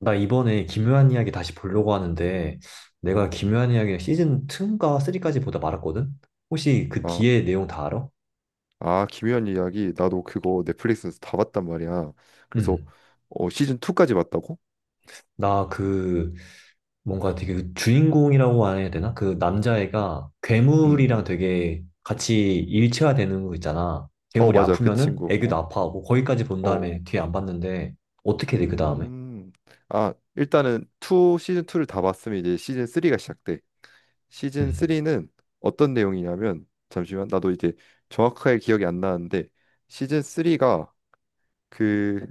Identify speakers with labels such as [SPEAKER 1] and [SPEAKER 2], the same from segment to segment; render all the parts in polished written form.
[SPEAKER 1] 나 이번에 기묘한 이야기 다시 보려고 하는데, 내가 기묘한 이야기 시즌 2인가 3까지 보다 말았거든? 혹시 그
[SPEAKER 2] 아,
[SPEAKER 1] 뒤에 내용 다 알아?
[SPEAKER 2] 김연한 이야기. 나도 그거 넷플릭스에서 다 봤단 말이야. 그래서
[SPEAKER 1] 응.
[SPEAKER 2] 시즌 2까지 봤다고?
[SPEAKER 1] 나 뭔가 되게 주인공이라고 해야 되나? 그 남자애가
[SPEAKER 2] 음. 음.
[SPEAKER 1] 괴물이랑 되게 같이 일체화되는 거 있잖아.
[SPEAKER 2] 어,
[SPEAKER 1] 괴물이
[SPEAKER 2] 맞아. 그
[SPEAKER 1] 아프면은
[SPEAKER 2] 친구.
[SPEAKER 1] 애교도
[SPEAKER 2] 어.
[SPEAKER 1] 아파하고, 거기까지 본
[SPEAKER 2] 어.
[SPEAKER 1] 다음에 뒤에 안 봤는데, 어떻게 돼, 그 다음에?
[SPEAKER 2] 음. 아, 일단은 2 시즌 2를 다 봤으면 이제 시즌 3가 시작돼. 시즌 3는 어떤 내용이냐면 잠시만. 나도 이제 정확하게 기억이 안 나는데 시즌 3가 그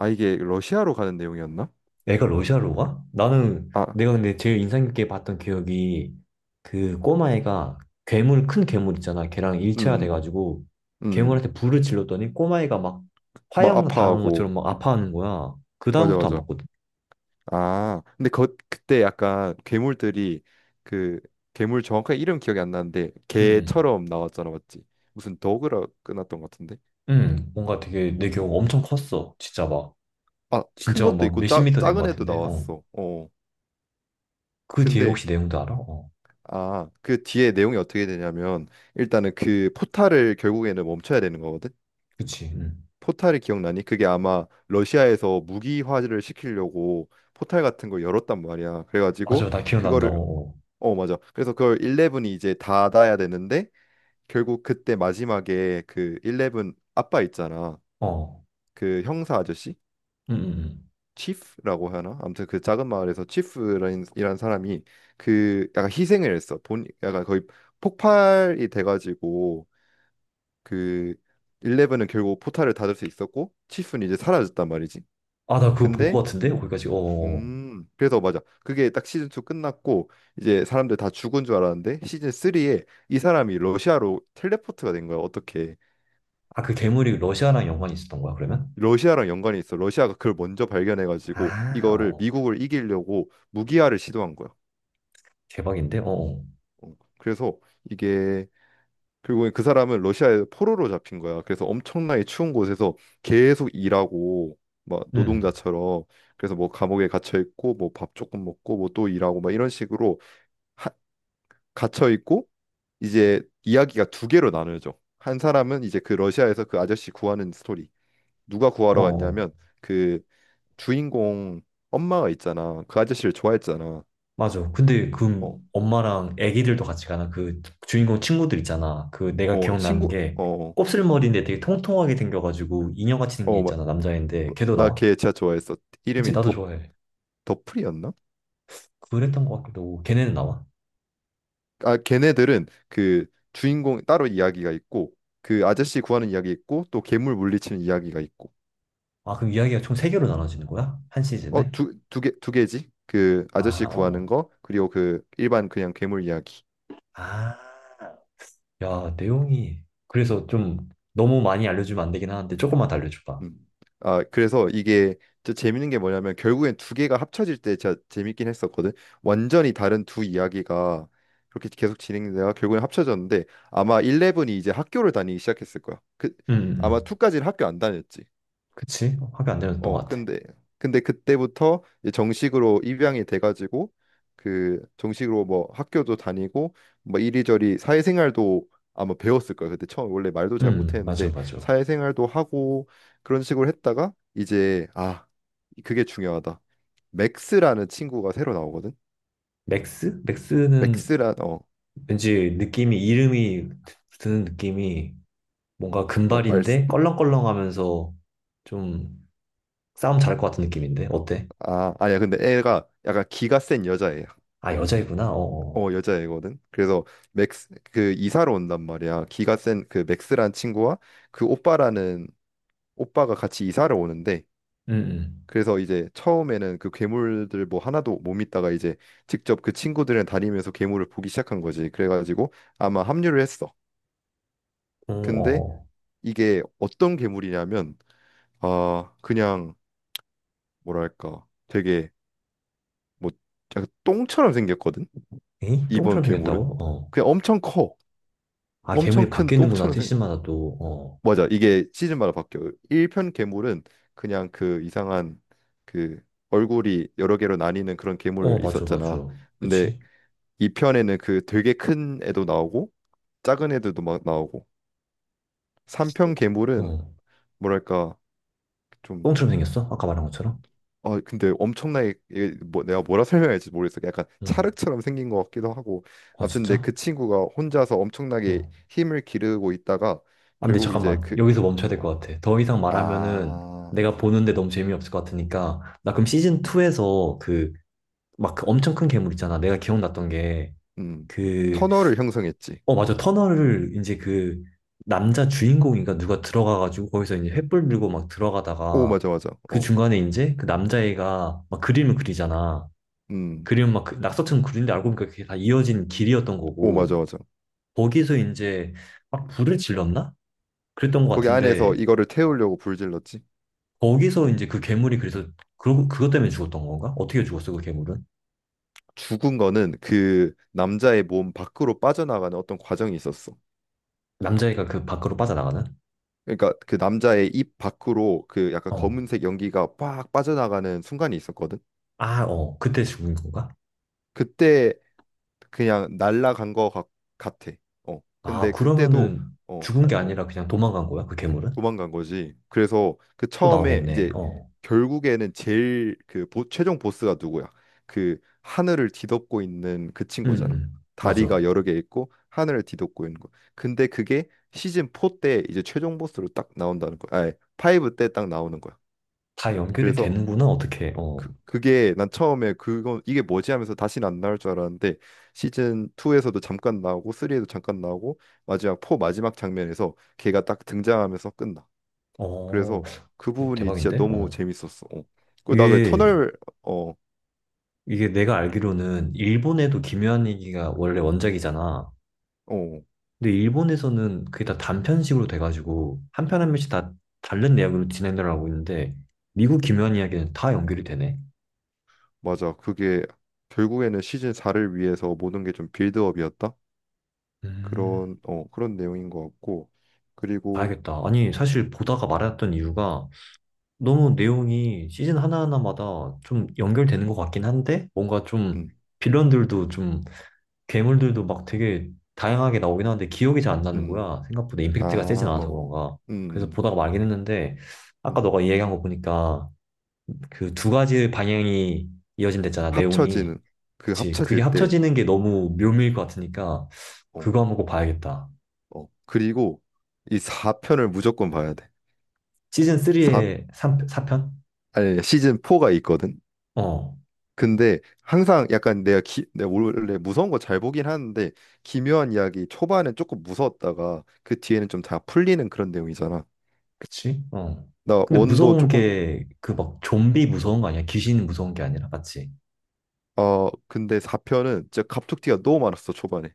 [SPEAKER 2] 이게 러시아로 가는 내용이었나?
[SPEAKER 1] 애가 러시아로 가? 나는
[SPEAKER 2] 아.
[SPEAKER 1] 내가 근데 제일 인상 깊게 봤던 기억이 그 꼬마애가 괴물 큰 괴물 있잖아. 걔랑 일체화
[SPEAKER 2] 음.
[SPEAKER 1] 돼가지고
[SPEAKER 2] 음. 음.
[SPEAKER 1] 괴물한테 불을 질렀더니 꼬마애가 막
[SPEAKER 2] 막
[SPEAKER 1] 화형 당한
[SPEAKER 2] 아파하고
[SPEAKER 1] 것처럼 막 아파하는 거야. 그
[SPEAKER 2] 맞아,
[SPEAKER 1] 다음부터 안
[SPEAKER 2] 맞아.
[SPEAKER 1] 봤거든.
[SPEAKER 2] 아, 근데 그때 약간 괴물들이 그 괴물 정확한 이름 기억이 안 나는데
[SPEAKER 1] 응,
[SPEAKER 2] 개처럼 나왔잖아, 맞지? 무슨 더그라 끝났던 것 같은데?
[SPEAKER 1] 응. 응, 뭔가 되게 내 기억 엄청 컸어. 진짜 막
[SPEAKER 2] 아, 큰
[SPEAKER 1] 진짜
[SPEAKER 2] 것도
[SPEAKER 1] 막
[SPEAKER 2] 있고
[SPEAKER 1] 몇십 미터 된
[SPEAKER 2] 작은
[SPEAKER 1] 것
[SPEAKER 2] 애도
[SPEAKER 1] 같은데. 어.
[SPEAKER 2] 나왔어. 어.
[SPEAKER 1] 그 뒤에
[SPEAKER 2] 근데
[SPEAKER 1] 혹시 내용도 알아? 어.
[SPEAKER 2] 아, 그 뒤에 내용이 어떻게 되냐면 일단은 그 포탈을 결국에는 멈춰야 되는 거거든.
[SPEAKER 1] 그치. 응.
[SPEAKER 2] 포탈이 기억나니? 그게 아마 러시아에서 무기화를 시키려고 포탈 같은 걸 열었단 말이야.
[SPEAKER 1] 맞아.
[SPEAKER 2] 그래가지고
[SPEAKER 1] 나 기억난다.
[SPEAKER 2] 그거를
[SPEAKER 1] 어.
[SPEAKER 2] 맞아. 그래서 그걸 11이 이제 닫아야 되는데 결국 그때 마지막에 그 일레븐 아빠 있잖아.
[SPEAKER 1] 어. 어.
[SPEAKER 2] 그 형사 아저씨?
[SPEAKER 1] 응, 응. 응.
[SPEAKER 2] 치프라고 하나? 아무튼 그 작은 마을에서 치프라는 이란 사람이 그 약간 희생을 했어. 본 약간 거의 폭발이 돼가지고 그 일레븐은 결국 포탈을 닫을 수 있었고 치프는 이제 사라졌단 말이지.
[SPEAKER 1] 아, 나 그거 본
[SPEAKER 2] 근데
[SPEAKER 1] 것 같은데? 거기까지. 어. 어, 어.
[SPEAKER 2] 그래서 맞아. 그게 딱 시즌 2 끝났고 이제 사람들 다 죽은 줄 알았는데 시즌 3에 이 사람이 러시아로 텔레포트가 된 거야. 어떻게?
[SPEAKER 1] 아, 그 괴물이 러시아랑 연관이 있었던 거야, 그러면?
[SPEAKER 2] 러시아랑 연관이 있어. 러시아가 그걸 먼저 발견해가지고
[SPEAKER 1] 아,
[SPEAKER 2] 이거를
[SPEAKER 1] 어,
[SPEAKER 2] 미국을 이기려고 무기화를 시도한 거야.
[SPEAKER 1] 대박인데? 어, 어.
[SPEAKER 2] 어, 그래서 이게 결국에 그 사람은 러시아에 포로로 잡힌 거야. 그래서 엄청나게 추운 곳에서 계속 일하고 막
[SPEAKER 1] 음,
[SPEAKER 2] 노동자처럼. 그래서 뭐 감옥에 갇혀 있고 뭐 밥 조금 먹고 뭐 또 일하고 막 이런 식으로 하- 갇혀 있고 이제 이야기가 두 개로 나눠져. 한 사람은 이제 그 러시아에서 그 아저씨 구하는 스토리. 누가
[SPEAKER 1] 어,
[SPEAKER 2] 구하러
[SPEAKER 1] 어.
[SPEAKER 2] 갔냐면 그 주인공 엄마가 있잖아. 그 아저씨를 좋아했잖아.
[SPEAKER 1] 맞아. 근데 그
[SPEAKER 2] 어,
[SPEAKER 1] 엄마랑 애기들도 같이 가나? 그 주인공 친구들 있잖아. 그 내가 기억나는
[SPEAKER 2] 친구,
[SPEAKER 1] 게 곱슬머리인데 되게 통통하게 생겨가지고 인형같이 생긴 게
[SPEAKER 2] 어,
[SPEAKER 1] 있잖아, 남자인데. 걔도
[SPEAKER 2] 나
[SPEAKER 1] 나와?
[SPEAKER 2] 걔 진짜 좋아했어.
[SPEAKER 1] 그치,
[SPEAKER 2] 이름이
[SPEAKER 1] 나도 좋아해.
[SPEAKER 2] 더프리였나?
[SPEAKER 1] 그랬던 것 같기도 하고. 걔네는 나와.
[SPEAKER 2] 아, 걔네들은 그 주인공 따로 이야기가 있고, 그 아저씨 구하는 이야기 있고, 또 괴물 물리치는 이야기가 있고.
[SPEAKER 1] 아, 그럼 이야기가 총 세개로 나눠지는 거야? 한
[SPEAKER 2] 어,
[SPEAKER 1] 시즌에?
[SPEAKER 2] 두 개, 두 개지? 그 아저씨
[SPEAKER 1] 아, 어,
[SPEAKER 2] 구하는
[SPEAKER 1] 어.
[SPEAKER 2] 거, 그리고 그 일반 그냥 괴물 이야기.
[SPEAKER 1] 아, 야, 내용이. 그래서 좀 너무 많이 알려주면 안 되긴 하는데 조금만 더 알려줘봐.
[SPEAKER 2] 음. 아, 그래서 이게 또 재밌는 게 뭐냐면 결국엔 두 개가 합쳐질 때 진짜 재밌긴 했었거든. 완전히 다른 두 이야기가 그렇게 계속 진행되다가 결국엔 합쳐졌는데 아마 11이 이제 학교를 다니기 시작했을 거야. 그
[SPEAKER 1] 음,
[SPEAKER 2] 아마
[SPEAKER 1] 음.
[SPEAKER 2] 2까지는 학교 안 다녔지.
[SPEAKER 1] 그치? 화가 안 되는 것
[SPEAKER 2] 어,
[SPEAKER 1] 같아.
[SPEAKER 2] 근데 그때부터 이제 정식으로 입양이 돼가지고 그 정식으로 뭐 학교도 다니고 뭐 이리저리 사회생활도 아마 배웠을 거야. 그때 처음 원래 말도 잘
[SPEAKER 1] 맞아,
[SPEAKER 2] 못했는데
[SPEAKER 1] 맞아.
[SPEAKER 2] 사회생활도 하고 그런 식으로 했다가 이제 그게 중요하다. 맥스라는 친구가 새로 나오거든.
[SPEAKER 1] 맥스? 맥스는
[SPEAKER 2] 맥스란 어뭐
[SPEAKER 1] 왠지 느낌이, 이름이 드는 느낌이 뭔가
[SPEAKER 2] 말스
[SPEAKER 1] 금발인데 껄렁껄렁하면서 좀 싸움 잘할 것 같은 느낌인데? 어때?
[SPEAKER 2] 아, 아니야. 근데 애가 약간 기가 센 여자애야.
[SPEAKER 1] 아, 여자이구나? 어어.
[SPEAKER 2] 어, 여자애거든. 그래서 맥스 그 이사를 온단 말이야. 기가 센 그 맥스란 친구와 그 오빠라는 오빠가 같이 이사를 오는데
[SPEAKER 1] 응,
[SPEAKER 2] 그래서 이제 처음에는 그 괴물들 뭐 하나도 못 믿다가 이제 직접 그 친구들이랑 다니면서 괴물을 보기 시작한 거지. 그래가지고 아마 합류를 했어.
[SPEAKER 1] 응. 어
[SPEAKER 2] 근데
[SPEAKER 1] 어
[SPEAKER 2] 이게 어떤 괴물이냐면 아 그냥 뭐랄까 되게 뭐 약간 똥처럼 생겼거든.
[SPEAKER 1] 에이?
[SPEAKER 2] 이번
[SPEAKER 1] 똥처럼
[SPEAKER 2] 괴물은
[SPEAKER 1] 생겼다고? 어.
[SPEAKER 2] 그냥 엄청 커.
[SPEAKER 1] 아,
[SPEAKER 2] 엄청
[SPEAKER 1] 괴물이
[SPEAKER 2] 큰
[SPEAKER 1] 바뀌는구나,
[SPEAKER 2] 똥처럼 생겨.
[SPEAKER 1] 티슈마다 또. 어.
[SPEAKER 2] 맞아. 이게 시즌마다 바뀌어요. 1편 괴물은 그냥 그 이상한 그 얼굴이 여러 개로 나뉘는 그런
[SPEAKER 1] 어,
[SPEAKER 2] 괴물
[SPEAKER 1] 맞아,
[SPEAKER 2] 있었잖아.
[SPEAKER 1] 맞아.
[SPEAKER 2] 근데
[SPEAKER 1] 그치?
[SPEAKER 2] 2편에는 그 되게 큰 애도 나오고 작은 애들도 막 나오고 3편 괴물은
[SPEAKER 1] 어.
[SPEAKER 2] 뭐랄까 좀.
[SPEAKER 1] 똥처럼 생겼어? 아까 말한 것처럼?
[SPEAKER 2] 아, 근데 엄청나게 이게 뭐 내가 뭐라 설명할지 모르겠어. 약간
[SPEAKER 1] 응.
[SPEAKER 2] 찰흙처럼 생긴 것 같기도 하고.
[SPEAKER 1] 아,
[SPEAKER 2] 아무튼 근데
[SPEAKER 1] 진짜?
[SPEAKER 2] 그 친구가 혼자서 엄청나게
[SPEAKER 1] 어.
[SPEAKER 2] 힘을 기르고 있다가
[SPEAKER 1] 안 근데
[SPEAKER 2] 결국 이제
[SPEAKER 1] 잠깐만.
[SPEAKER 2] 그
[SPEAKER 1] 여기서 멈춰야 될
[SPEAKER 2] 어,
[SPEAKER 1] 것 같아. 더 이상 말하면은
[SPEAKER 2] 아.
[SPEAKER 1] 내가 보는데 너무 재미없을 것 같으니까. 나 그럼
[SPEAKER 2] 음.
[SPEAKER 1] 시즌2에서 막그 엄청 큰 괴물 있잖아. 내가 기억났던 게
[SPEAKER 2] 음.
[SPEAKER 1] 그,
[SPEAKER 2] 터널을 형성했지.
[SPEAKER 1] 어, 맞아. 터널을 이제 그 남자 주인공인가 누가 들어가가지고 거기서 이제 횃불 들고 막
[SPEAKER 2] 오,
[SPEAKER 1] 들어가다가
[SPEAKER 2] 맞아, 맞아.
[SPEAKER 1] 그
[SPEAKER 2] 어.
[SPEAKER 1] 중간에 이제 그 남자애가 막 그림을 그리잖아.
[SPEAKER 2] 음.
[SPEAKER 1] 그림은 막그 낙서처럼 그리는데 알고 보니까 그게 다 이어진 길이었던
[SPEAKER 2] 오,
[SPEAKER 1] 거고
[SPEAKER 2] 맞아, 맞아.
[SPEAKER 1] 거기서 이제 막 불을 질렀나? 그랬던 것
[SPEAKER 2] 거기 안에서
[SPEAKER 1] 같은데
[SPEAKER 2] 이거를
[SPEAKER 1] 어,
[SPEAKER 2] 태우려고 불질렀지.
[SPEAKER 1] 거기서 이제 그 괴물이 그래서 그 그것 때문에 죽었던 건가? 어떻게 죽었어 그 괴물은?
[SPEAKER 2] 죽은 거는 그 남자의 몸 밖으로 빠져나가는 어떤 과정이 있었어.
[SPEAKER 1] 남자애가 그 밖으로 빠져나가는?
[SPEAKER 2] 그러니까 그 남자의 입 밖으로 그 약간
[SPEAKER 1] 어.
[SPEAKER 2] 검은색 연기가 빡 빠져나가는 순간이 있었거든.
[SPEAKER 1] 아, 어. 그때 죽은 건가?
[SPEAKER 2] 그때 그냥 날라간 거 같아. 어.
[SPEAKER 1] 아,
[SPEAKER 2] 근데 그때도
[SPEAKER 1] 그러면은 죽은
[SPEAKER 2] 아,
[SPEAKER 1] 게
[SPEAKER 2] 어.
[SPEAKER 1] 아니라 그냥 도망간 거야 그 괴물은?
[SPEAKER 2] 도망간 거지. 그래서 그
[SPEAKER 1] 또
[SPEAKER 2] 처음에
[SPEAKER 1] 나오겠네.
[SPEAKER 2] 이제
[SPEAKER 1] 어.
[SPEAKER 2] 결국에는 제일 그 최종 보스가 누구야? 그 하늘을 뒤덮고 있는 그 친구잖아.
[SPEAKER 1] 맞아.
[SPEAKER 2] 다리가 여러 개 있고 하늘을 뒤덮고 있는 거. 근데 그게 시즌 4 때 이제 최종 보스로 딱 나온다는 거야. 아니, 5 때 딱 나오는 거야.
[SPEAKER 1] 다 연결이
[SPEAKER 2] 그래서
[SPEAKER 1] 되는구나 어떻게? 어.
[SPEAKER 2] 그게 난 처음에 그거 이게 뭐지 하면서 다시는 안 나올 줄 알았는데 시즌 2에서도 잠깐 나오고 3에도 잠깐 나오고 마지막 4 마지막 장면에서 걔가 딱 등장하면서 끝나.
[SPEAKER 1] 어.
[SPEAKER 2] 그래서 그 부분이 진짜
[SPEAKER 1] 대박인데?
[SPEAKER 2] 너무
[SPEAKER 1] 어.
[SPEAKER 2] 재밌었어. 어. 그리고 나 그
[SPEAKER 1] 이게
[SPEAKER 2] 터널 어,
[SPEAKER 1] 이게 내가 알기로는
[SPEAKER 2] 어,
[SPEAKER 1] 일본에도 김요한 얘기가 원래 원작이잖아.
[SPEAKER 2] 어.
[SPEAKER 1] 근데 일본에서는 그게 다 단편식으로 돼가지고 한편 한 편씩 다 다른 내용으로 진행을 하고 있는데 미국 기묘한
[SPEAKER 2] 음,
[SPEAKER 1] 이야기는 다 연결이 되네.
[SPEAKER 2] 맞아. 그게 결국에는 시즌 4를 위해서 모든 게 좀 빌드업이었다.
[SPEAKER 1] 음,
[SPEAKER 2] 그런 그런 내용인 것 같고. 그리고
[SPEAKER 1] 봐야겠다. 아니 사실 보다가 말았던 이유가 너무 내용이 시즌 하나하나마다 좀 연결되는 것 같긴 한데 뭔가 좀
[SPEAKER 2] 음,
[SPEAKER 1] 빌런들도 좀 괴물들도 막 되게 다양하게 나오긴 하는데 기억이 잘 안 나는
[SPEAKER 2] 음.
[SPEAKER 1] 거야. 생각보다
[SPEAKER 2] 아,
[SPEAKER 1] 임팩트가 세진
[SPEAKER 2] 어.
[SPEAKER 1] 않아서
[SPEAKER 2] 어.
[SPEAKER 1] 그런가. 그래서
[SPEAKER 2] 음.
[SPEAKER 1] 보다가 말긴 했는데
[SPEAKER 2] 음.
[SPEAKER 1] 아까
[SPEAKER 2] 음.
[SPEAKER 1] 너가 얘기한 거 보니까 그 두 가지 방향이 이어진댔잖아, 내용이.
[SPEAKER 2] 합쳐지는 그
[SPEAKER 1] 그치. 그게
[SPEAKER 2] 합쳐질 때
[SPEAKER 1] 합쳐지는 게 너무 묘미일 것 같으니까,
[SPEAKER 2] 어,
[SPEAKER 1] 그거 한번 꼭 봐야겠다.
[SPEAKER 2] 어. 그리고 이 4편을 무조건 봐야 돼.
[SPEAKER 1] 시즌
[SPEAKER 2] 4
[SPEAKER 1] 3의 4편?
[SPEAKER 2] 아니 시즌 4가 있거든.
[SPEAKER 1] 어.
[SPEAKER 2] 근데 항상 약간 내가 내가 원래 무서운 거 잘 보긴 하는데 기묘한 이야기 초반엔 조금 무서웠다가 그 뒤에는 좀 다 풀리는 그런 내용이잖아.
[SPEAKER 1] 그치? 어.
[SPEAKER 2] 나
[SPEAKER 1] 근데
[SPEAKER 2] 원도
[SPEAKER 1] 무서운
[SPEAKER 2] 조금
[SPEAKER 1] 게, 그 막 좀비 무서운 거 아니야? 귀신 무서운 게 아니라, 맞지?
[SPEAKER 2] 어, 근데 4편은 진짜 갑툭튀가 너무 많았어 초반에.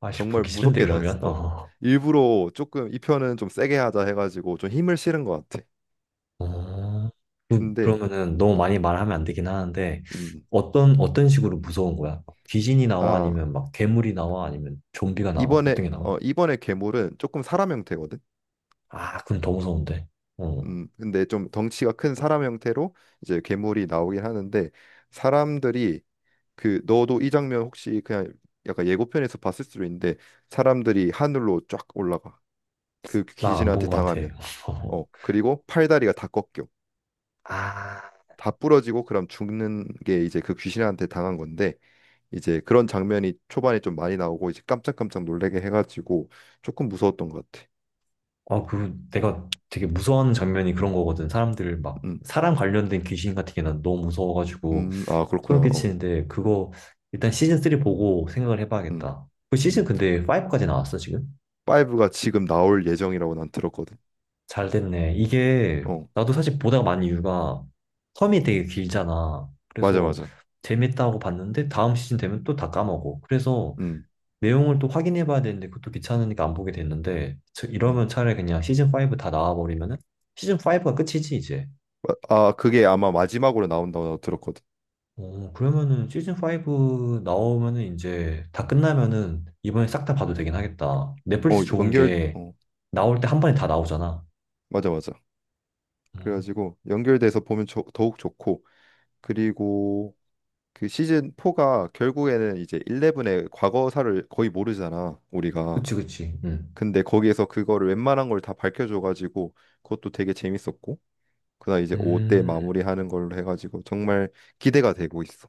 [SPEAKER 1] 아씨,
[SPEAKER 2] 정말
[SPEAKER 1] 보기 싫은데,
[SPEAKER 2] 무섭게 나왔어.
[SPEAKER 1] 그러면?
[SPEAKER 2] 어.
[SPEAKER 1] 어.
[SPEAKER 2] 일부러 조금 이 편은 좀 세게 하자 해가지고 좀 힘을 실은 것 같아.
[SPEAKER 1] 어.
[SPEAKER 2] 근데
[SPEAKER 1] 그러면은 너무
[SPEAKER 2] 어,
[SPEAKER 1] 많이 말하면 안 되긴 하는데,
[SPEAKER 2] 음,
[SPEAKER 1] 어떤, 어떤 식으로 무서운 거야? 귀신이 나와?
[SPEAKER 2] 아
[SPEAKER 1] 아니면 막 괴물이 나와? 아니면 좀비가 나와?
[SPEAKER 2] 이번에
[SPEAKER 1] 어떤 게 나와?
[SPEAKER 2] 이번에 괴물은 조금 사람 형태거든.
[SPEAKER 1] 아, 그건 더 무서운데. 어,
[SPEAKER 2] 근데 좀 덩치가 큰 사람 형태로 이제 괴물이 나오긴 하는데 사람들이 그 너도 이 장면 혹시 그냥 약간 예고편에서 봤을 수도 있는데 사람들이 하늘로 쫙 올라가 그
[SPEAKER 1] 나 안 본
[SPEAKER 2] 귀신한테
[SPEAKER 1] 것 같아.
[SPEAKER 2] 당하면
[SPEAKER 1] 어.
[SPEAKER 2] 어 그리고 팔다리가 다 꺾여
[SPEAKER 1] 아,
[SPEAKER 2] 다 부러지고 그럼 죽는 게 이제 그 귀신한테 당한 건데 이제 그런 장면이 초반에 좀 많이 나오고 이제 깜짝깜짝 놀래게 해가지고 조금 무서웠던 것 같아.
[SPEAKER 1] 어, 그 내가 되게 무서워하는 장면이 그런 거거든. 사람들 막
[SPEAKER 2] 음,
[SPEAKER 1] 사람 관련된 귀신 같은 게 난 너무 무서워가지고
[SPEAKER 2] 아 그렇구나.
[SPEAKER 1] 소름 끼치는데 그거 일단 시즌 3 보고 생각을
[SPEAKER 2] 음,
[SPEAKER 1] 해봐야겠다. 그 시즌
[SPEAKER 2] 음.
[SPEAKER 1] 근데 5까지 나왔어 지금?
[SPEAKER 2] 5가 지금 나올 예정이라고 난 들었거든.
[SPEAKER 1] 잘 됐네. 이게
[SPEAKER 2] 어,
[SPEAKER 1] 나도 사실 보다가 많은 이유가 텀이 되게 길잖아.
[SPEAKER 2] 맞아,
[SPEAKER 1] 그래서
[SPEAKER 2] 맞아.
[SPEAKER 1] 재밌다고 봤는데 다음 시즌 되면 또 다 까먹어. 그래서
[SPEAKER 2] 음,
[SPEAKER 1] 내용을 또 확인해 봐야 되는데 그것도 귀찮으니까 안 보게 됐는데 이러면
[SPEAKER 2] 음.
[SPEAKER 1] 차라리 그냥 시즌 5 다 나와 버리면은 시즌 5가 끝이지 이제.
[SPEAKER 2] 아, 그게 아마 마지막으로 나온다고 들었거든.
[SPEAKER 1] 어, 그러면은 시즌 5 나오면은 이제 다 끝나면은 이번에 싹 다 봐도 되긴 하겠다.
[SPEAKER 2] 어,
[SPEAKER 1] 넷플릭스 좋은
[SPEAKER 2] 연결,
[SPEAKER 1] 게
[SPEAKER 2] 어,
[SPEAKER 1] 나올 때 한 번에 다 나오잖아.
[SPEAKER 2] 맞아, 맞아.
[SPEAKER 1] 음,
[SPEAKER 2] 그래가지고 연결돼서 보면 더욱 좋고, 그리고 그 시즌 4가 결국에는 이제 11의 과거사를 거의 모르잖아, 우리가.
[SPEAKER 1] 그치 그치. 음.
[SPEAKER 2] 근데 거기에서 그거를 웬만한 걸 다 밝혀줘가지고 그것도 되게 재밌었고, 그다음 이제 5때
[SPEAKER 1] 음.
[SPEAKER 2] 마무리하는 걸로 해가지고 정말 기대가 되고 있어.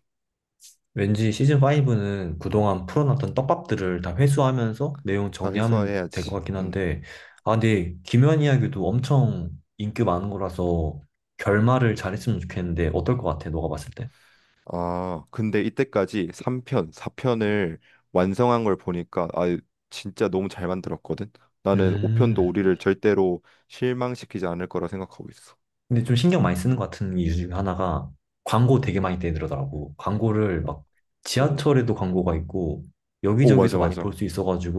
[SPEAKER 1] 왠지 시즌5는 그동안 풀어놨던 떡밥들을 다 회수하면서 내용
[SPEAKER 2] 다
[SPEAKER 1] 정리하면 될
[SPEAKER 2] 해소해야지.
[SPEAKER 1] 것 같긴
[SPEAKER 2] 음.
[SPEAKER 1] 한데, 아, 근데 김연 이야기도 엄청 인기 많은 거라서 결말을 잘했으면 좋겠는데, 어떨 것 같아, 너가 봤을 때?
[SPEAKER 2] 아, 근데 이때까지 3편, 4편을 완성한 걸 보니까 아, 진짜 너무 잘 만들었거든. 나는 5편도
[SPEAKER 1] 음.
[SPEAKER 2] 우리를 절대로 실망시키지 않을 거라 생각하고 있어.
[SPEAKER 1] 근데 좀 신경 많이 쓰는 것 같은 이유 중에 하나가 광고 되게 많이 떼들어 더라고 광고를 막
[SPEAKER 2] 오,
[SPEAKER 1] 지하철에도 광고가 있고 여기저기서
[SPEAKER 2] 맞아,
[SPEAKER 1] 많이 볼 수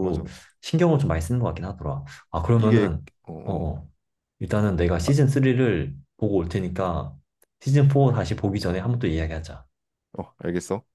[SPEAKER 2] 맞아.
[SPEAKER 1] 신경을 좀 많이 쓰는 것 같긴 하더라. 아,
[SPEAKER 2] 이게
[SPEAKER 1] 그러면은,
[SPEAKER 2] 어,
[SPEAKER 1] 어,
[SPEAKER 2] 어,
[SPEAKER 1] 어. 일단은 내가
[SPEAKER 2] 아,
[SPEAKER 1] 시즌 3를 보고 올 테니까 시즌 4 다시 보기 전에 한번 또 이야기하자.
[SPEAKER 2] 어, 알겠어.